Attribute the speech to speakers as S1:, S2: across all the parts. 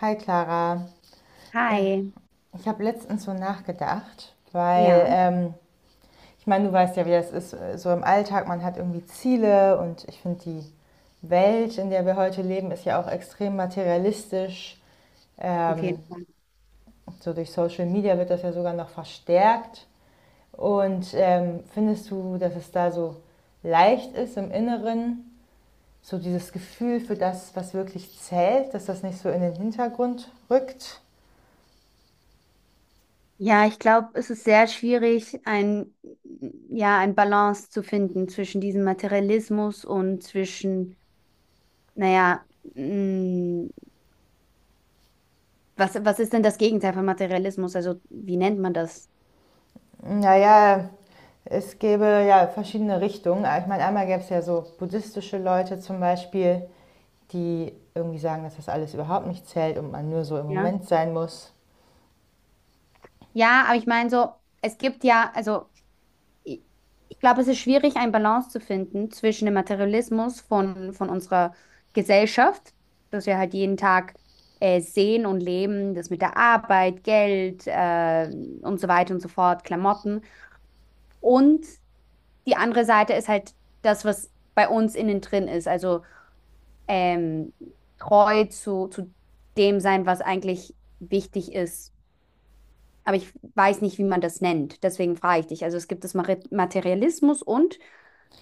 S1: Hi Clara, äh,
S2: Hi,
S1: ich habe letztens so nachgedacht, weil
S2: ja,
S1: ich meine, du weißt ja, wie das ist, so im Alltag, man hat irgendwie Ziele und ich finde, die Welt, in der wir heute leben, ist ja auch extrem materialistisch.
S2: auf
S1: Ähm,
S2: jeden Fall.
S1: so durch Social Media wird das ja sogar noch verstärkt. Und findest du, dass es da so leicht ist im Inneren, so dieses Gefühl für das, was wirklich zählt, dass das nicht so in den Hintergrund rückt?
S2: Ja, ich glaube, es ist sehr schwierig, ein Balance zu finden zwischen diesem Materialismus und zwischen, naja, mh, was ist denn das Gegenteil von Materialismus? Also, wie nennt man das?
S1: Naja, es gäbe ja verschiedene Richtungen. Ich meine, einmal gäbe es ja so buddhistische Leute zum Beispiel, die irgendwie sagen, dass das alles überhaupt nicht zählt und man nur so im
S2: Ja.
S1: Moment sein muss.
S2: Ja, aber ich meine so, es gibt ja, also ich ich glaube, es ist schwierig, eine Balance zu finden zwischen dem Materialismus von unserer Gesellschaft, das wir halt jeden Tag sehen und leben, das mit der Arbeit, Geld und so weiter und so fort, Klamotten. Und die andere Seite ist halt das, was bei uns innen drin ist, also ähm, treu zu dem sein, was eigentlich wichtig ist, aber ich weiß nicht, wie man das nennt. Deswegen frage ich dich. Also es gibt das Materialismus und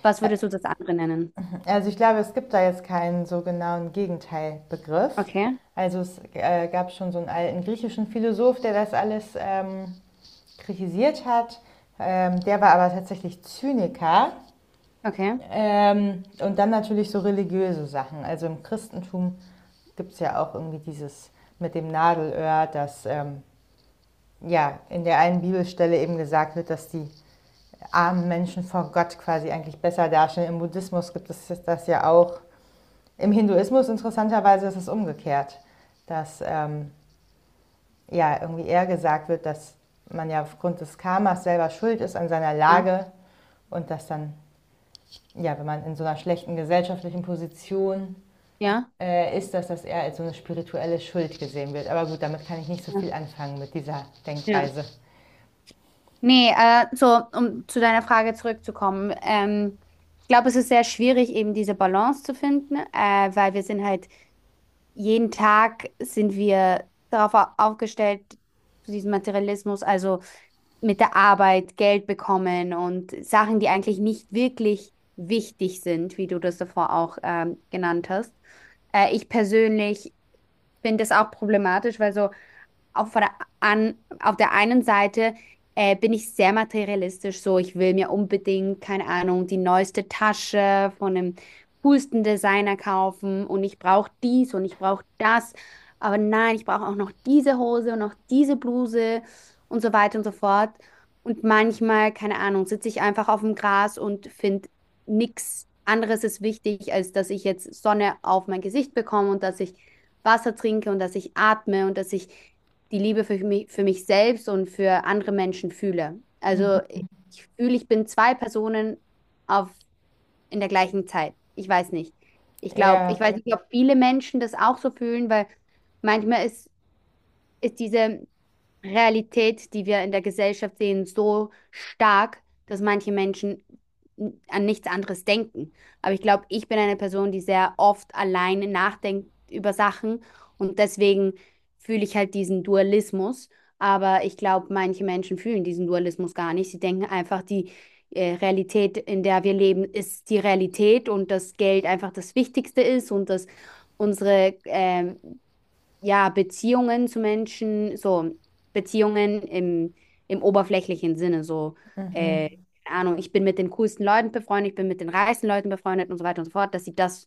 S2: was würdest du das andere nennen?
S1: Also ich glaube, es gibt da jetzt keinen so genauen Gegenteilbegriff.
S2: Okay,
S1: Also es gab schon so einen alten griechischen Philosoph, der das alles kritisiert hat. Der war aber tatsächlich Zyniker.
S2: okay,
S1: Und dann natürlich so religiöse Sachen. Also im Christentum gibt es ja auch irgendwie dieses mit dem Nadelöhr, dass ja in der einen Bibelstelle eben gesagt wird, dass die armen Menschen vor Gott quasi eigentlich besser dastehen. Im Buddhismus gibt es das ja auch. Im Hinduismus interessanterweise ist es umgekehrt, dass ja irgendwie eher gesagt wird, dass man ja aufgrund des Karmas selber schuld ist an seiner
S2: ja,
S1: Lage und dass dann, ja, wenn man in so einer schlechten gesellschaftlichen Position
S2: ja,
S1: ist, das, dass er als so eine spirituelle Schuld gesehen wird. Aber gut, damit kann ich nicht so
S2: ja,
S1: viel anfangen mit dieser
S2: ja.
S1: Denkweise.
S2: Nee, so, um zu deiner Frage zurückzukommen. Ich glaube, es ist sehr schwierig, eben diese Balance zu finden, weil wir sind halt, jeden Tag sind wir darauf aufgestellt, zu diesem Materialismus. Also mit der Arbeit Geld bekommen und Sachen, die eigentlich nicht wirklich wichtig sind, wie du das davor auch genannt hast. Ich persönlich finde das auch problematisch, weil so auf der, auf der einen Seite bin ich sehr materialistisch, so ich will mir unbedingt, keine Ahnung, die neueste Tasche von dem coolsten Designer kaufen und ich brauche dies und ich brauche das, aber nein, ich brauche auch noch diese Hose und noch diese Bluse und so weiter und so fort. Und manchmal, keine Ahnung, sitze ich einfach auf dem Gras und finde, nichts anderes ist wichtig, als dass ich jetzt Sonne auf mein Gesicht bekomme und dass ich Wasser trinke und dass ich atme und dass ich die Liebe für mich selbst und für andere Menschen fühle. Also ich fühle, ich bin zwei Personen auf, in der gleichen Zeit. Ich weiß nicht. Ich glaube, ich
S1: Ja,
S2: weiß, okay, nicht, ob viele Menschen das auch so fühlen, weil manchmal ist diese Realität, die wir in der Gesellschaft sehen, so stark, dass manche Menschen an nichts anderes denken. Aber ich glaube, ich bin eine Person, die sehr oft alleine nachdenkt über Sachen, und deswegen fühle ich halt diesen Dualismus. Aber ich glaube, manche Menschen fühlen diesen Dualismus gar nicht. Sie denken einfach, die Realität, in der wir leben, ist die Realität und dass Geld einfach das Wichtigste ist und dass unsere ja, Beziehungen zu Menschen, so Beziehungen im oberflächlichen Sinne, so,
S1: mhm,
S2: äh, keine Ahnung, ich bin mit den coolsten Leuten befreundet, ich bin mit den reichsten Leuten befreundet und so weiter und so fort, dass sie das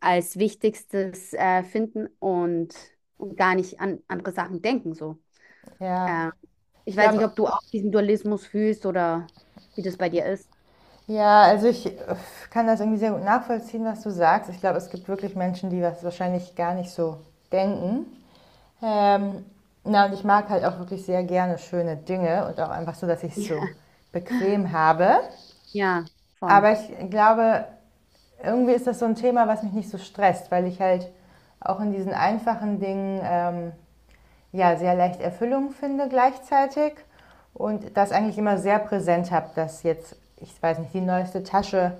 S2: als Wichtigstes finden und gar nicht an andere Sachen denken, so.
S1: ja.
S2: Äh, Ich
S1: Ich
S2: weiß nicht,
S1: glaube,
S2: ob du auch diesen Dualismus fühlst oder wie das bei dir ist.
S1: ja, also ich kann das irgendwie sehr gut nachvollziehen, was du sagst. Ich glaube, es gibt wirklich Menschen, die das wahrscheinlich gar nicht so denken. Ähm, na, und ich mag halt auch wirklich sehr gerne schöne Dinge und auch einfach so, dass ich es
S2: Ja,
S1: so bequem habe.
S2: ja, voll.
S1: Aber ich glaube, irgendwie ist das so ein Thema, was mich nicht so stresst, weil ich halt auch in diesen einfachen Dingen ja sehr leicht Erfüllung finde gleichzeitig und das eigentlich immer sehr präsent habe, dass jetzt, ich weiß nicht, die neueste Tasche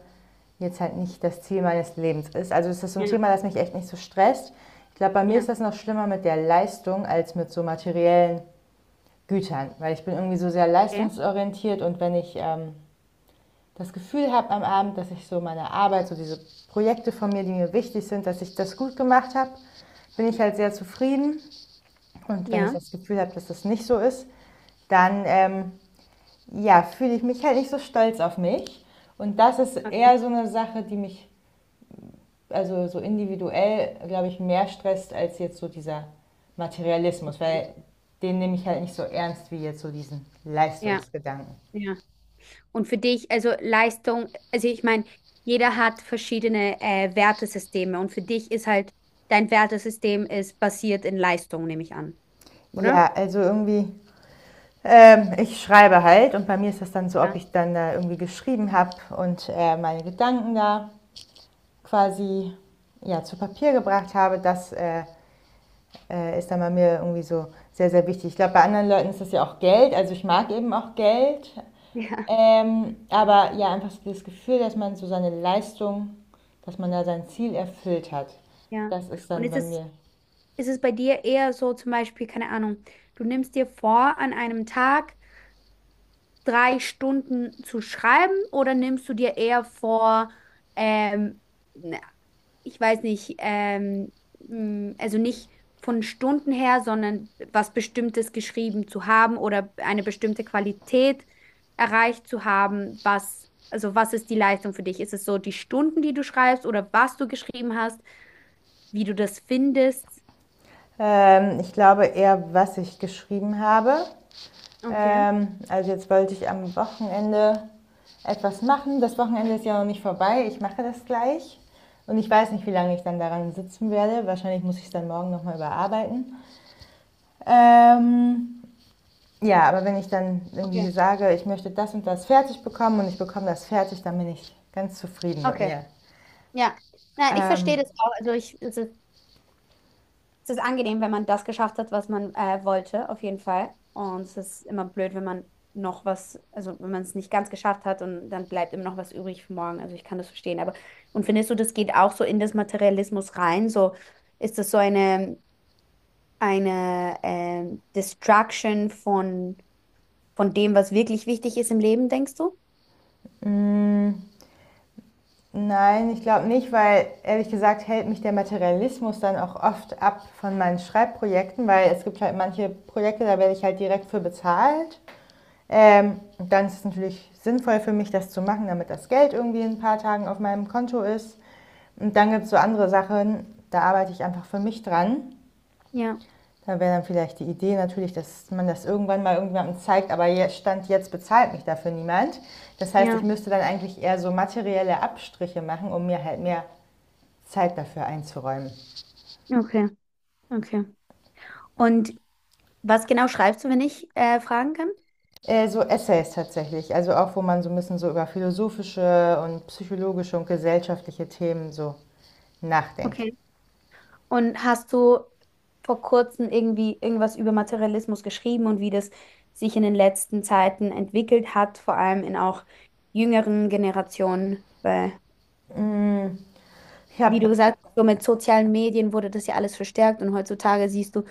S1: jetzt halt nicht das Ziel meines Lebens ist. Also ist das so ein
S2: Ja,
S1: Thema, das mich echt nicht so stresst. Ich glaube, bei mir
S2: ja,
S1: ist das noch schlimmer mit der Leistung als mit so materiellen Gütern, weil ich bin irgendwie so sehr
S2: okay.
S1: leistungsorientiert und wenn ich das Gefühl habe am Abend, dass ich so meine Arbeit, so diese Projekte von mir, die mir wichtig sind, dass ich das gut gemacht habe, bin ich halt sehr zufrieden. Und wenn ich
S2: Ja,
S1: das Gefühl habe, dass das nicht so ist, dann ja, fühle ich mich halt nicht so stolz auf mich. Und das ist
S2: okay,
S1: eher so eine Sache, die mich, also so individuell, glaube ich, mehr stresst als jetzt so dieser Materialismus,
S2: okay.
S1: weil den nehme ich halt nicht so ernst wie jetzt so diesen
S2: Ja,
S1: Leistungsgedanken.
S2: ja. Und für dich, also Leistung, also ich meine, jeder hat verschiedene Wertesysteme, und für dich ist halt, dein Wertesystem ist basiert in Leistung, nehme ich an, oder?
S1: Ja, also irgendwie ich schreibe halt und bei mir ist das dann so, ob
S2: Ja.
S1: ich dann da irgendwie geschrieben habe und meine Gedanken da quasi, ja, zu Papier gebracht habe, das ist dann bei mir irgendwie so sehr, sehr wichtig. Ich glaube, bei anderen Leuten ist das ja auch Geld, also ich mag eben auch Geld,
S2: Ja,
S1: aber ja, einfach so das Gefühl, dass man so seine Leistung, dass man da sein Ziel erfüllt hat,
S2: ja.
S1: das ist
S2: Und
S1: dann
S2: ist
S1: bei
S2: es,
S1: mir.
S2: ist es bei dir eher so, zum Beispiel, keine Ahnung, du nimmst dir vor, an einem Tag drei Stunden zu schreiben, oder nimmst du dir eher vor, ähm, ich weiß nicht, also nicht von Stunden her, sondern was Bestimmtes geschrieben zu haben oder eine bestimmte Qualität erreicht zu haben, was, also was ist die Leistung für dich? Ist es so die Stunden, die du schreibst, oder was du geschrieben hast, wie du das findest?
S1: Ich glaube eher, was ich geschrieben habe.
S2: Okay,
S1: Also jetzt wollte ich am Wochenende etwas machen. Das Wochenende ist ja noch nicht vorbei. Ich mache das gleich. Und ich weiß nicht, wie lange ich dann daran sitzen werde. Wahrscheinlich muss ich es dann morgen nochmal überarbeiten. Ähm, ja, aber wenn ich dann
S2: okay,
S1: irgendwie sage, ich möchte das und das fertig bekommen und ich bekomme das fertig, dann bin ich ganz zufrieden mit
S2: okay.
S1: mir.
S2: Ja. Nein, ich verstehe
S1: Ähm,
S2: das auch. Also ich, es ist Es ist angenehm, wenn man das geschafft hat, was man wollte, auf jeden Fall. Und es ist immer blöd, wenn man noch was, also wenn man es nicht ganz geschafft hat und dann bleibt immer noch was übrig für morgen. Also ich kann das verstehen. Aber, und findest du, das geht auch so in das Materialismus rein? So, ist das so eine, Destruction von dem, was wirklich wichtig ist im Leben, denkst du?
S1: mh, Nein, ich glaube nicht, weil ehrlich gesagt hält mich der Materialismus dann auch oft ab von meinen Schreibprojekten, weil es gibt halt manche Projekte, da werde ich halt direkt für bezahlt. Ähm, Dann ist es natürlich sinnvoll für mich, das zu machen, damit das Geld irgendwie in ein paar Tagen auf meinem Konto ist. Und dann gibt es so andere Sachen, da arbeite ich einfach für mich dran.
S2: Ja,
S1: Da wäre dann vielleicht die Idee natürlich, dass man das irgendwann mal irgendjemandem zeigt, aber jetzt stand jetzt bezahlt mich dafür niemand. Das heißt, ich
S2: ja,
S1: müsste dann eigentlich eher so materielle Abstriche machen, um mir halt mehr Zeit dafür einzuräumen.
S2: okay, okay. Und was genau schreibst du, wenn ich fragen kann?
S1: So Essays tatsächlich, also auch wo man so ein bisschen so über philosophische und psychologische und gesellschaftliche Themen so nachdenkt.
S2: Okay. Und hast du vor kurzem irgendwie irgendwas über Materialismus geschrieben und wie das sich in den letzten Zeiten entwickelt hat, vor allem in auch jüngeren Generationen? Weil,
S1: Ich
S2: wie du
S1: habe,
S2: gesagt hast, so mit sozialen Medien wurde das ja alles verstärkt, und heutzutage siehst du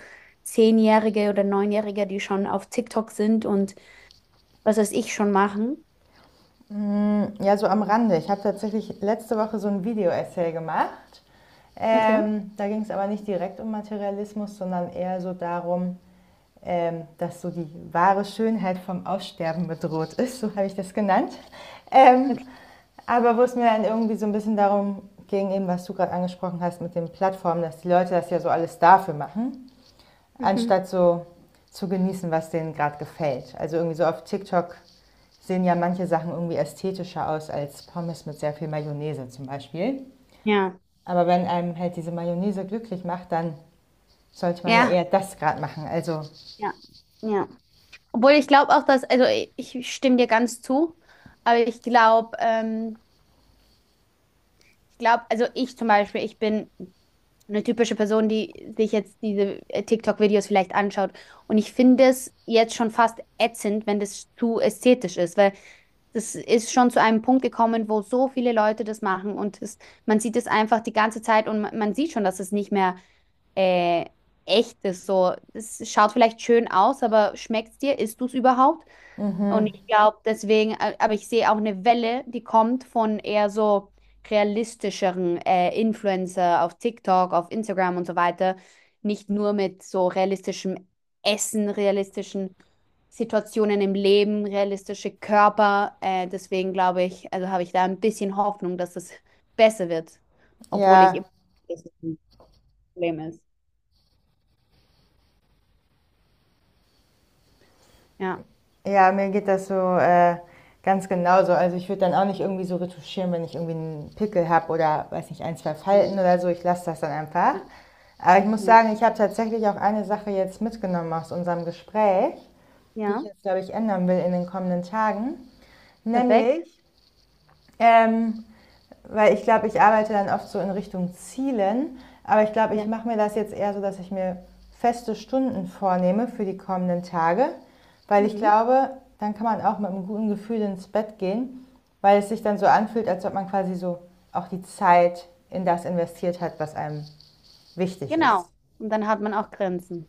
S2: Zehnjährige oder Neunjährige, die schon auf TikTok sind und was weiß ich schon machen.
S1: ja, so am Rande, ich habe tatsächlich letzte Woche so ein Video-Essay gemacht.
S2: Okay.
S1: Da ging es aber nicht direkt um Materialismus, sondern eher so darum, dass so die wahre Schönheit vom Aussterben bedroht ist, so habe ich das genannt. Ähm,
S2: Okay.
S1: Aber wo es mir dann irgendwie so ein bisschen darum ging, eben was du gerade angesprochen hast mit den Plattformen, dass die Leute das ja so alles dafür machen,
S2: Mhm.
S1: anstatt so zu genießen, was denen gerade gefällt. Also irgendwie so auf TikTok sehen ja manche Sachen irgendwie ästhetischer aus als Pommes mit sehr viel Mayonnaise zum Beispiel.
S2: Ja.
S1: Aber wenn einem halt diese Mayonnaise glücklich macht, dann sollte man ja
S2: Ja.
S1: eher das gerade machen. Also
S2: Ja. Ja. Obwohl ich glaube auch, dass, also ich stimme dir ganz zu, aber ich glaube, also ich zum Beispiel, ich bin eine typische Person, die sich jetzt diese TikTok-Videos vielleicht anschaut. Und ich finde es jetzt schon fast ätzend, wenn das zu ästhetisch ist, weil das ist schon zu einem Punkt gekommen, wo so viele Leute das machen, und es, man sieht es einfach die ganze Zeit und man sieht schon, dass es nicht mehr äh, echt ist. So, es schaut vielleicht schön aus, aber schmeckt es dir? Isst du es überhaupt? Und ich glaube deswegen, aber ich sehe auch eine Welle, die kommt von eher so realistischeren Influencer auf TikTok, auf Instagram und so weiter. Nicht nur mit so realistischem Essen, realistischen Situationen im Leben, realistische Körper. Deswegen glaube ich, also habe ich da ein bisschen Hoffnung, dass es besser wird, obwohl ich
S1: ja.
S2: immer weiß, dass es ein Problem ist. Ja,
S1: Ja, mir geht das so ganz genauso. Also ich würde dann auch nicht irgendwie so retuschieren, wenn ich irgendwie einen Pickel habe oder weiß nicht, ein, zwei
S2: ja,
S1: Falten oder so. Ich lasse das dann einfach.
S2: ja,
S1: Aber ich muss
S2: ja,
S1: sagen, ich habe tatsächlich auch eine Sache jetzt mitgenommen aus unserem Gespräch, die ich
S2: ja,
S1: jetzt, glaube ich, ändern will in den kommenden Tagen.
S2: perfekt.
S1: Nämlich, ähm, weil ich glaube, ich arbeite dann oft so in Richtung Zielen. Aber ich glaube, ich
S2: Ja,
S1: mache mir das jetzt eher so, dass ich mir feste Stunden vornehme für die kommenden Tage. Weil ich
S2: mhm.
S1: glaube, dann kann man auch mit einem guten Gefühl ins Bett gehen, weil es sich dann so anfühlt, als ob man quasi so auch die Zeit in das investiert hat, was einem wichtig ist.
S2: Genau. Und dann hat man auch Grenzen.